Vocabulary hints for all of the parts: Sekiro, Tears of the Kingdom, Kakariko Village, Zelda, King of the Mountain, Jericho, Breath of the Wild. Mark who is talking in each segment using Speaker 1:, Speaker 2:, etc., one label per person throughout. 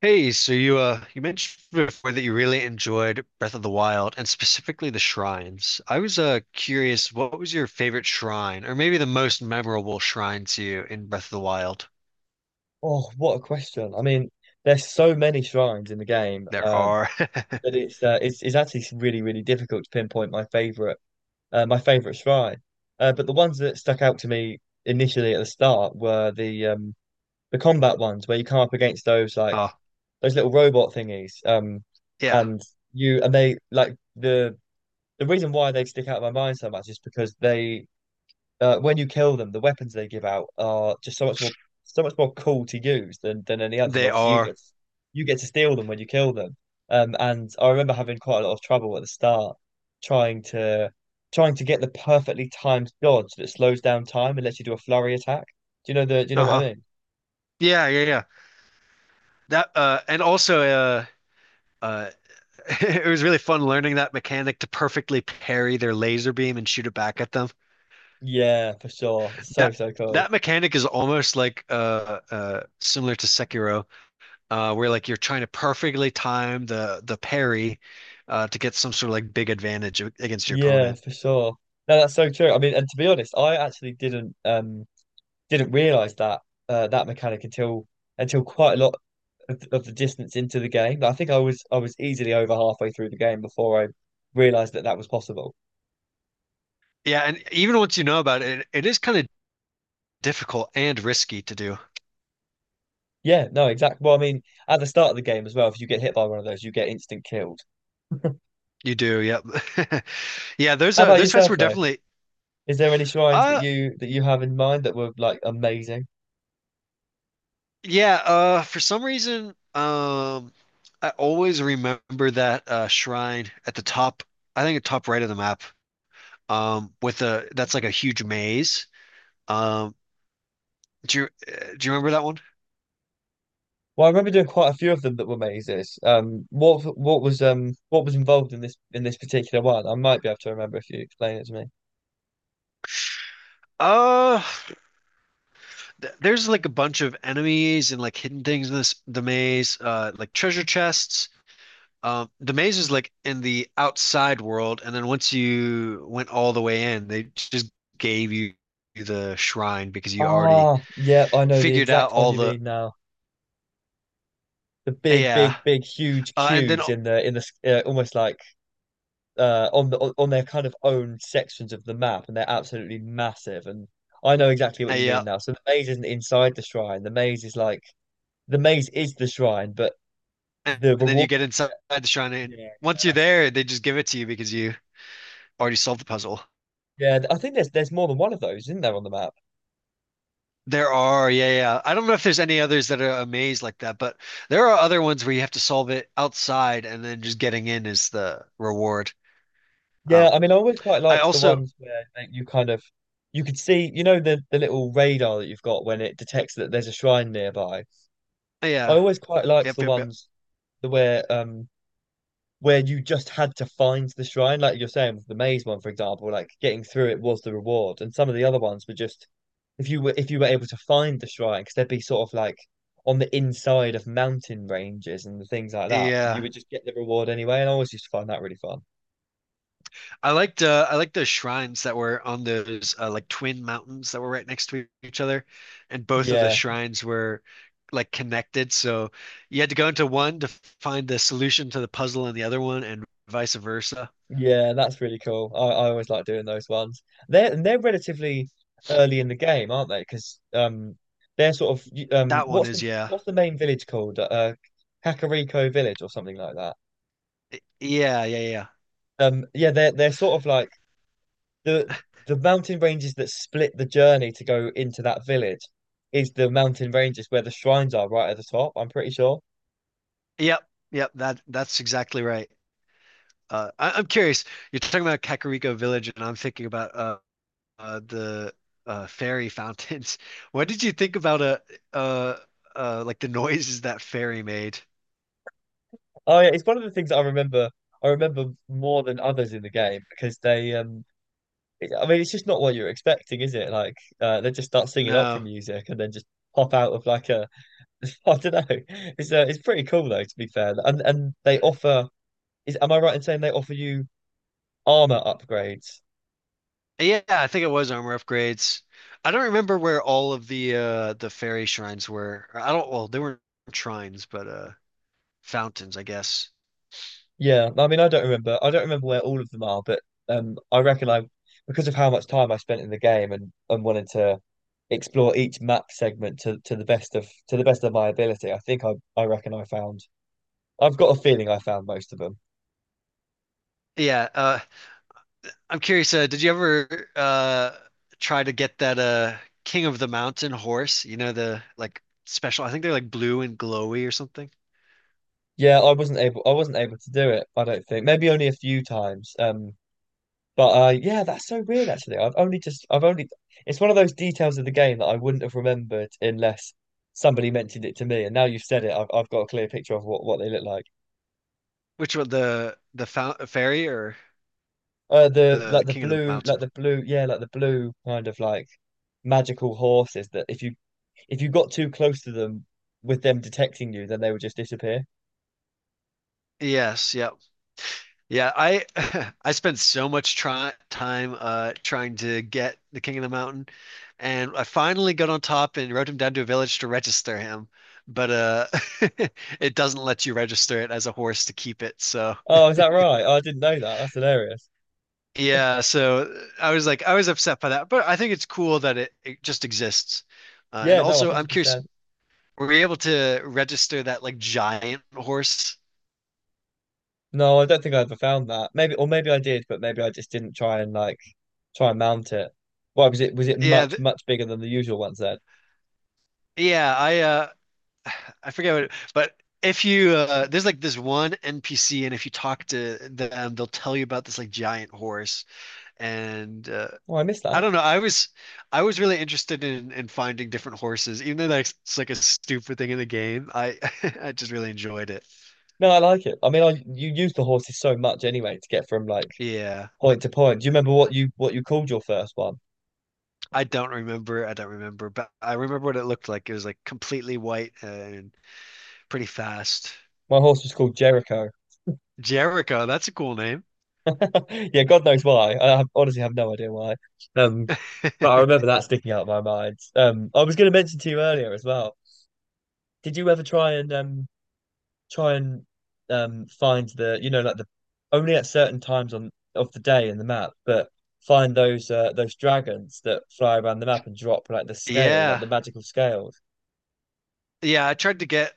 Speaker 1: Hey, so you mentioned before that you really enjoyed Breath of the Wild and specifically the shrines. I was curious, what was your favorite shrine or maybe the most memorable shrine to you in Breath of the Wild?
Speaker 2: Oh, what a question. I mean, there's so many shrines in the game
Speaker 1: There are.
Speaker 2: that it's actually really, really difficult to pinpoint my favorite shrine. But the ones that stuck out to me initially at the start were the combat ones where you come up against those like
Speaker 1: Oh,
Speaker 2: those little robot thingies.
Speaker 1: yeah.
Speaker 2: And you and they like the reason why they stick out of my mind so much is because they when you kill them, the weapons they give out are just so much more so much more cool to use than any others. And
Speaker 1: They
Speaker 2: obviously,
Speaker 1: are.
Speaker 2: you get to steal them when you kill them. And I remember having quite a lot of trouble at the start trying to trying to get the perfectly timed dodge that slows down time and lets you do a flurry attack. Do you know the? Do you know what
Speaker 1: Uh-huh.
Speaker 2: I mean?
Speaker 1: Yeah, yeah, yeah. That and also uh it was really fun learning that mechanic to perfectly parry their laser beam and shoot it back at them.
Speaker 2: Yeah, for sure. It's so
Speaker 1: That
Speaker 2: so cool.
Speaker 1: that mechanic is almost like similar to Sekiro, where like you're trying to perfectly time the parry, to get some sort of like big advantage against your
Speaker 2: Yeah,
Speaker 1: opponent.
Speaker 2: for sure. No, that's so true. I mean, and to be honest, I actually didn't realize that that mechanic until quite a lot of the distance into the game. Like, I think I was easily over halfway through the game before I realized that that was possible.
Speaker 1: Yeah, and even once you know about it, it is kind of difficult and risky to do.
Speaker 2: Yeah, no, exactly. Well, I mean, at the start of the game as well, if you get hit by one of those, you get instant killed.
Speaker 1: You do, yep. Yeah,
Speaker 2: How about
Speaker 1: those fights
Speaker 2: yourself
Speaker 1: were
Speaker 2: though?
Speaker 1: definitely
Speaker 2: Is there any shrines that
Speaker 1: uh
Speaker 2: you have in mind that were like amazing?
Speaker 1: yeah, for some reason I always remember that shrine at the top, I think the top right of the map. With a that's like a huge maze. Um do you remember that one?
Speaker 2: Well, I remember doing quite a few of them that were mazes. What was what was involved in this particular one? I might be able to remember if you explain it to me.
Speaker 1: Uh there's like a bunch of enemies and like hidden things in this the maze, like treasure chests. The maze is like in the outside world, and then once you went all the way in, they just gave you the shrine because you already
Speaker 2: Ah, yeah, I know the
Speaker 1: figured out
Speaker 2: exact one
Speaker 1: all
Speaker 2: you
Speaker 1: the
Speaker 2: mean now. The big,
Speaker 1: yeah.
Speaker 2: big, big, huge
Speaker 1: And then
Speaker 2: cubes in the almost like on the on their kind of own sections of the map, and they're absolutely massive. And I know exactly what you mean
Speaker 1: yeah,
Speaker 2: now. So the maze isn't inside the shrine. The maze is like the maze is the shrine, but
Speaker 1: and,
Speaker 2: the
Speaker 1: and then you
Speaker 2: reward.
Speaker 1: get inside the shrine, and
Speaker 2: Yeah, yeah,
Speaker 1: once you're
Speaker 2: that's it.
Speaker 1: there, they just give it to you because you already solved the puzzle.
Speaker 2: Yeah, I think there's more than one of those, isn't there, on the map?
Speaker 1: There are, yeah, yeah. I don't know if there's any others that are a maze like that, but there are other ones where you have to solve it outside and then just getting in is the reward.
Speaker 2: Yeah,
Speaker 1: Um,
Speaker 2: I mean, I always quite
Speaker 1: I
Speaker 2: liked the
Speaker 1: also,
Speaker 2: ones where like, you kind of you could see, you know, the little radar that you've got when it detects that there's a shrine nearby. I
Speaker 1: yeah,
Speaker 2: always quite liked
Speaker 1: yep,
Speaker 2: the
Speaker 1: yep, yep.
Speaker 2: ones the where you just had to find the shrine, like you're saying with the maze one, for example, like getting through it was the reward, and some of the other ones were just if you were able to find the shrine, because they'd be sort of like on the inside of mountain ranges and things like that, you
Speaker 1: Yeah,
Speaker 2: would just get the reward anyway, and I always used to find that really fun.
Speaker 1: I liked the shrines that were on those, like twin mountains that were right next to each other, and both of the
Speaker 2: Yeah,
Speaker 1: shrines were like connected. So you had to go into one to find the solution to the puzzle in the other one, and vice versa.
Speaker 2: yeah, that's really cool. I always like doing those ones. They're relatively early in the game, aren't they? Because they're sort of
Speaker 1: That one
Speaker 2: what's
Speaker 1: is yeah,
Speaker 2: the main village called? Kakariko Village or something like that.
Speaker 1: yeah, yeah, yeah.
Speaker 2: Yeah, they're sort of like the the mountain ranges that split the journey to go into that village is the mountain ranges where the shrines are right at the top, I'm pretty sure.
Speaker 1: Yep, yep, that that's exactly right. I'm curious. You're talking about Kakariko Village, and I'm thinking about the fairy fountains. What did you think about uh like the noises that fairy made?
Speaker 2: Oh yeah, it's one of the things that I remember more than others in the game because I mean it's just not what you're expecting, is it? Like they just start singing opera
Speaker 1: No.
Speaker 2: music and then just pop out of like a I don't know. It's pretty cool though to be fair. And they offer is am I right in saying they offer you armor upgrades?
Speaker 1: Yeah, I think it was armor upgrades. I don't remember where all of the fairy shrines were. I don't, well, they weren't shrines, but fountains, I guess.
Speaker 2: Yeah, I mean, I don't remember. I don't remember where all of them are, but I reckon because of how much time I spent in the game and wanted to explore each map segment to to the best of my ability, I think I reckon I found. I've got a feeling I found most of them.
Speaker 1: Yeah, I'm curious, did you ever try to get that King of the Mountain horse? You know, the like special, I think they're like blue and glowy or something.
Speaker 2: I wasn't able to do it. I don't think. Maybe only a few times. But yeah, that's so weird. Actually, I've only just. I've only. It's one of those details of the game that I wouldn't have remembered unless somebody mentioned it to me. And now you've said it, I've got a clear picture of what they look like.
Speaker 1: Which one, the fairy or
Speaker 2: The
Speaker 1: the King of the Mountain?
Speaker 2: the blue, yeah, like the blue kind of like magical horses that if you got too close to them with them detecting you, then they would just disappear.
Speaker 1: Yes, yep. Yeah, I I spent so much try time trying to get the King of the Mountain and I finally got on top and rode him down to a village to register him. But it doesn't let you register it as a horse to keep it, so
Speaker 2: Oh, is that right? Oh, I didn't know that. That's hilarious.
Speaker 1: yeah, so I was like, I was upset by that, but I think it's cool that it just exists. And
Speaker 2: Yeah, no,
Speaker 1: also, I'm curious,
Speaker 2: 100%.
Speaker 1: were you able to register that like giant horse?
Speaker 2: No, I don't think I ever found that. Maybe, or maybe I did, but maybe I just didn't try and like try and mount it. Why was it
Speaker 1: Yeah,
Speaker 2: much
Speaker 1: th
Speaker 2: much bigger than the usual ones then?
Speaker 1: yeah, I I forget what it, but if you there's like this one NPC and if you talk to them, they'll tell you about this like giant horse and
Speaker 2: Oh, I missed
Speaker 1: I
Speaker 2: that.
Speaker 1: don't know. I was really interested in finding different horses, even though that's it's like a stupid thing in the game. I I just really enjoyed it.
Speaker 2: No, I like it. I mean, I you use the horses so much anyway to get from like
Speaker 1: Yeah.
Speaker 2: point to point. Do you remember what you called your first one?
Speaker 1: I don't remember. I don't remember, but I remember what it looked like. It was like completely white and pretty fast.
Speaker 2: My horse was called Jericho.
Speaker 1: Jericho, that's a cool name.
Speaker 2: Yeah, God knows why. I have, honestly have no idea why. Um, but I remember that sticking out of my mind. I was going to mention to you earlier as well. Did you ever try and find the you know like the only at certain times on of the day in the map, but find those dragons that fly around the map and drop like the scale, like
Speaker 1: Yeah.
Speaker 2: the magical scales?
Speaker 1: Yeah, I tried to get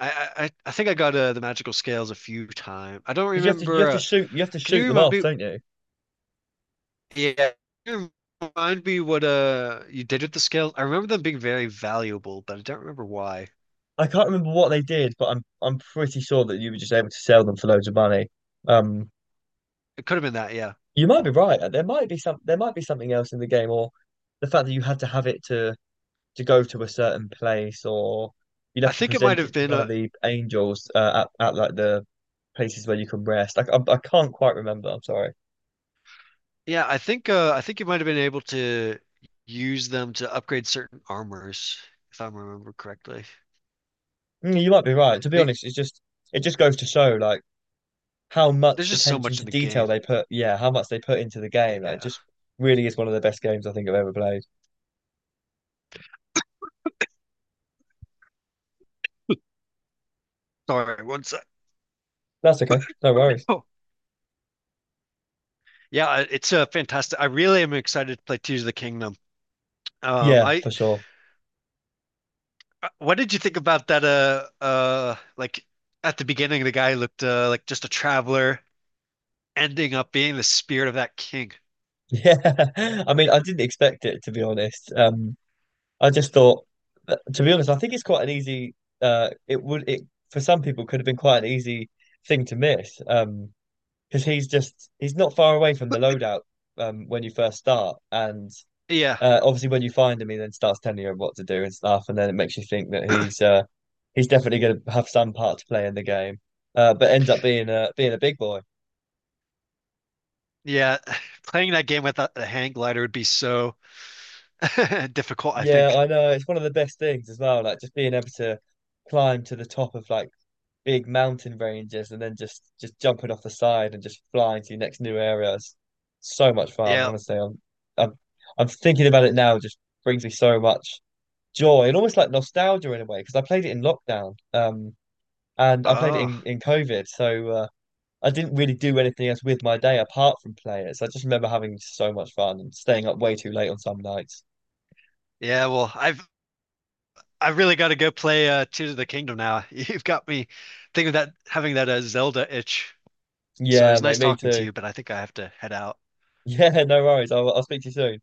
Speaker 1: I think I got, the magical scales a few times. I don't
Speaker 2: Because you have
Speaker 1: remember
Speaker 2: to
Speaker 1: can you
Speaker 2: shoot them
Speaker 1: remind
Speaker 2: off,
Speaker 1: me
Speaker 2: don't you?
Speaker 1: yeah, can you remind me what you did with the scales? I remember them being very valuable, but I don't remember why.
Speaker 2: I can't remember what they did, but I'm pretty sure that you were just able to sell them for loads of money. Um,
Speaker 1: It could have been that, yeah.
Speaker 2: You might be right. There might be some there might be something else in the game, or the fact that you had to have it to go to a certain place, or you'd
Speaker 1: I
Speaker 2: have to
Speaker 1: think it might
Speaker 2: present
Speaker 1: have
Speaker 2: it to
Speaker 1: been
Speaker 2: one of the angels at like the places where you can rest. Like I can't quite remember. I'm sorry.
Speaker 1: yeah, I think you might have been able to use them to upgrade certain armors, if I remember correctly.
Speaker 2: Mm, you might be right. To be
Speaker 1: It-
Speaker 2: honest, it's just it just goes to show like how much
Speaker 1: there's just so
Speaker 2: attention
Speaker 1: much in
Speaker 2: to
Speaker 1: the
Speaker 2: detail
Speaker 1: game.
Speaker 2: they put. Yeah, how much they put into the game. Like, it
Speaker 1: Yeah.
Speaker 2: just really is one of the best games I think I've ever played.
Speaker 1: Sorry, one sec.
Speaker 2: That's okay. No worries.
Speaker 1: Oh, it's, fantastic. I really am excited to play Tears of the Kingdom.
Speaker 2: Yeah,
Speaker 1: I
Speaker 2: for sure.
Speaker 1: what did you think about that? Like at the beginning, the guy looked, like just a traveler, ending up being the spirit of that king.
Speaker 2: Yeah. I mean, I didn't expect it to be honest. I just thought, to be honest, I think it's quite an easy. It for some people could have been quite an easy thing to miss. Because he's not far away from the loadout. When you first start, and
Speaker 1: Yeah,
Speaker 2: obviously when you find him, he then starts telling you what to do and stuff, and then it makes you think that he's definitely going to have some part to play in the game. But ends up being a big boy.
Speaker 1: yeah. Playing that game without the hang glider would be so difficult, I
Speaker 2: Yeah,
Speaker 1: think.
Speaker 2: I know it's one of the best things as well. Like just being able to climb to the top of like big mountain ranges and then just jumping off the side and just flying to your next new areas. So much fun,
Speaker 1: Yeah,
Speaker 2: honestly. I'm I'm thinking about it now, just brings me so much joy and almost like nostalgia in a way, because I played it in lockdown. And I played it
Speaker 1: oh,
Speaker 2: in COVID. So I didn't really do anything else with my day apart from play it. So I just remember having so much fun and staying up way too late on some nights.
Speaker 1: yeah. Well, I've really got to go play Tears of the Kingdom now. You've got me thinking that having that, Zelda itch. So it
Speaker 2: Yeah,
Speaker 1: was
Speaker 2: mate,
Speaker 1: nice
Speaker 2: me
Speaker 1: talking to
Speaker 2: too.
Speaker 1: you, but I think I have to head out.
Speaker 2: Yeah, no worries. I'll speak to you soon.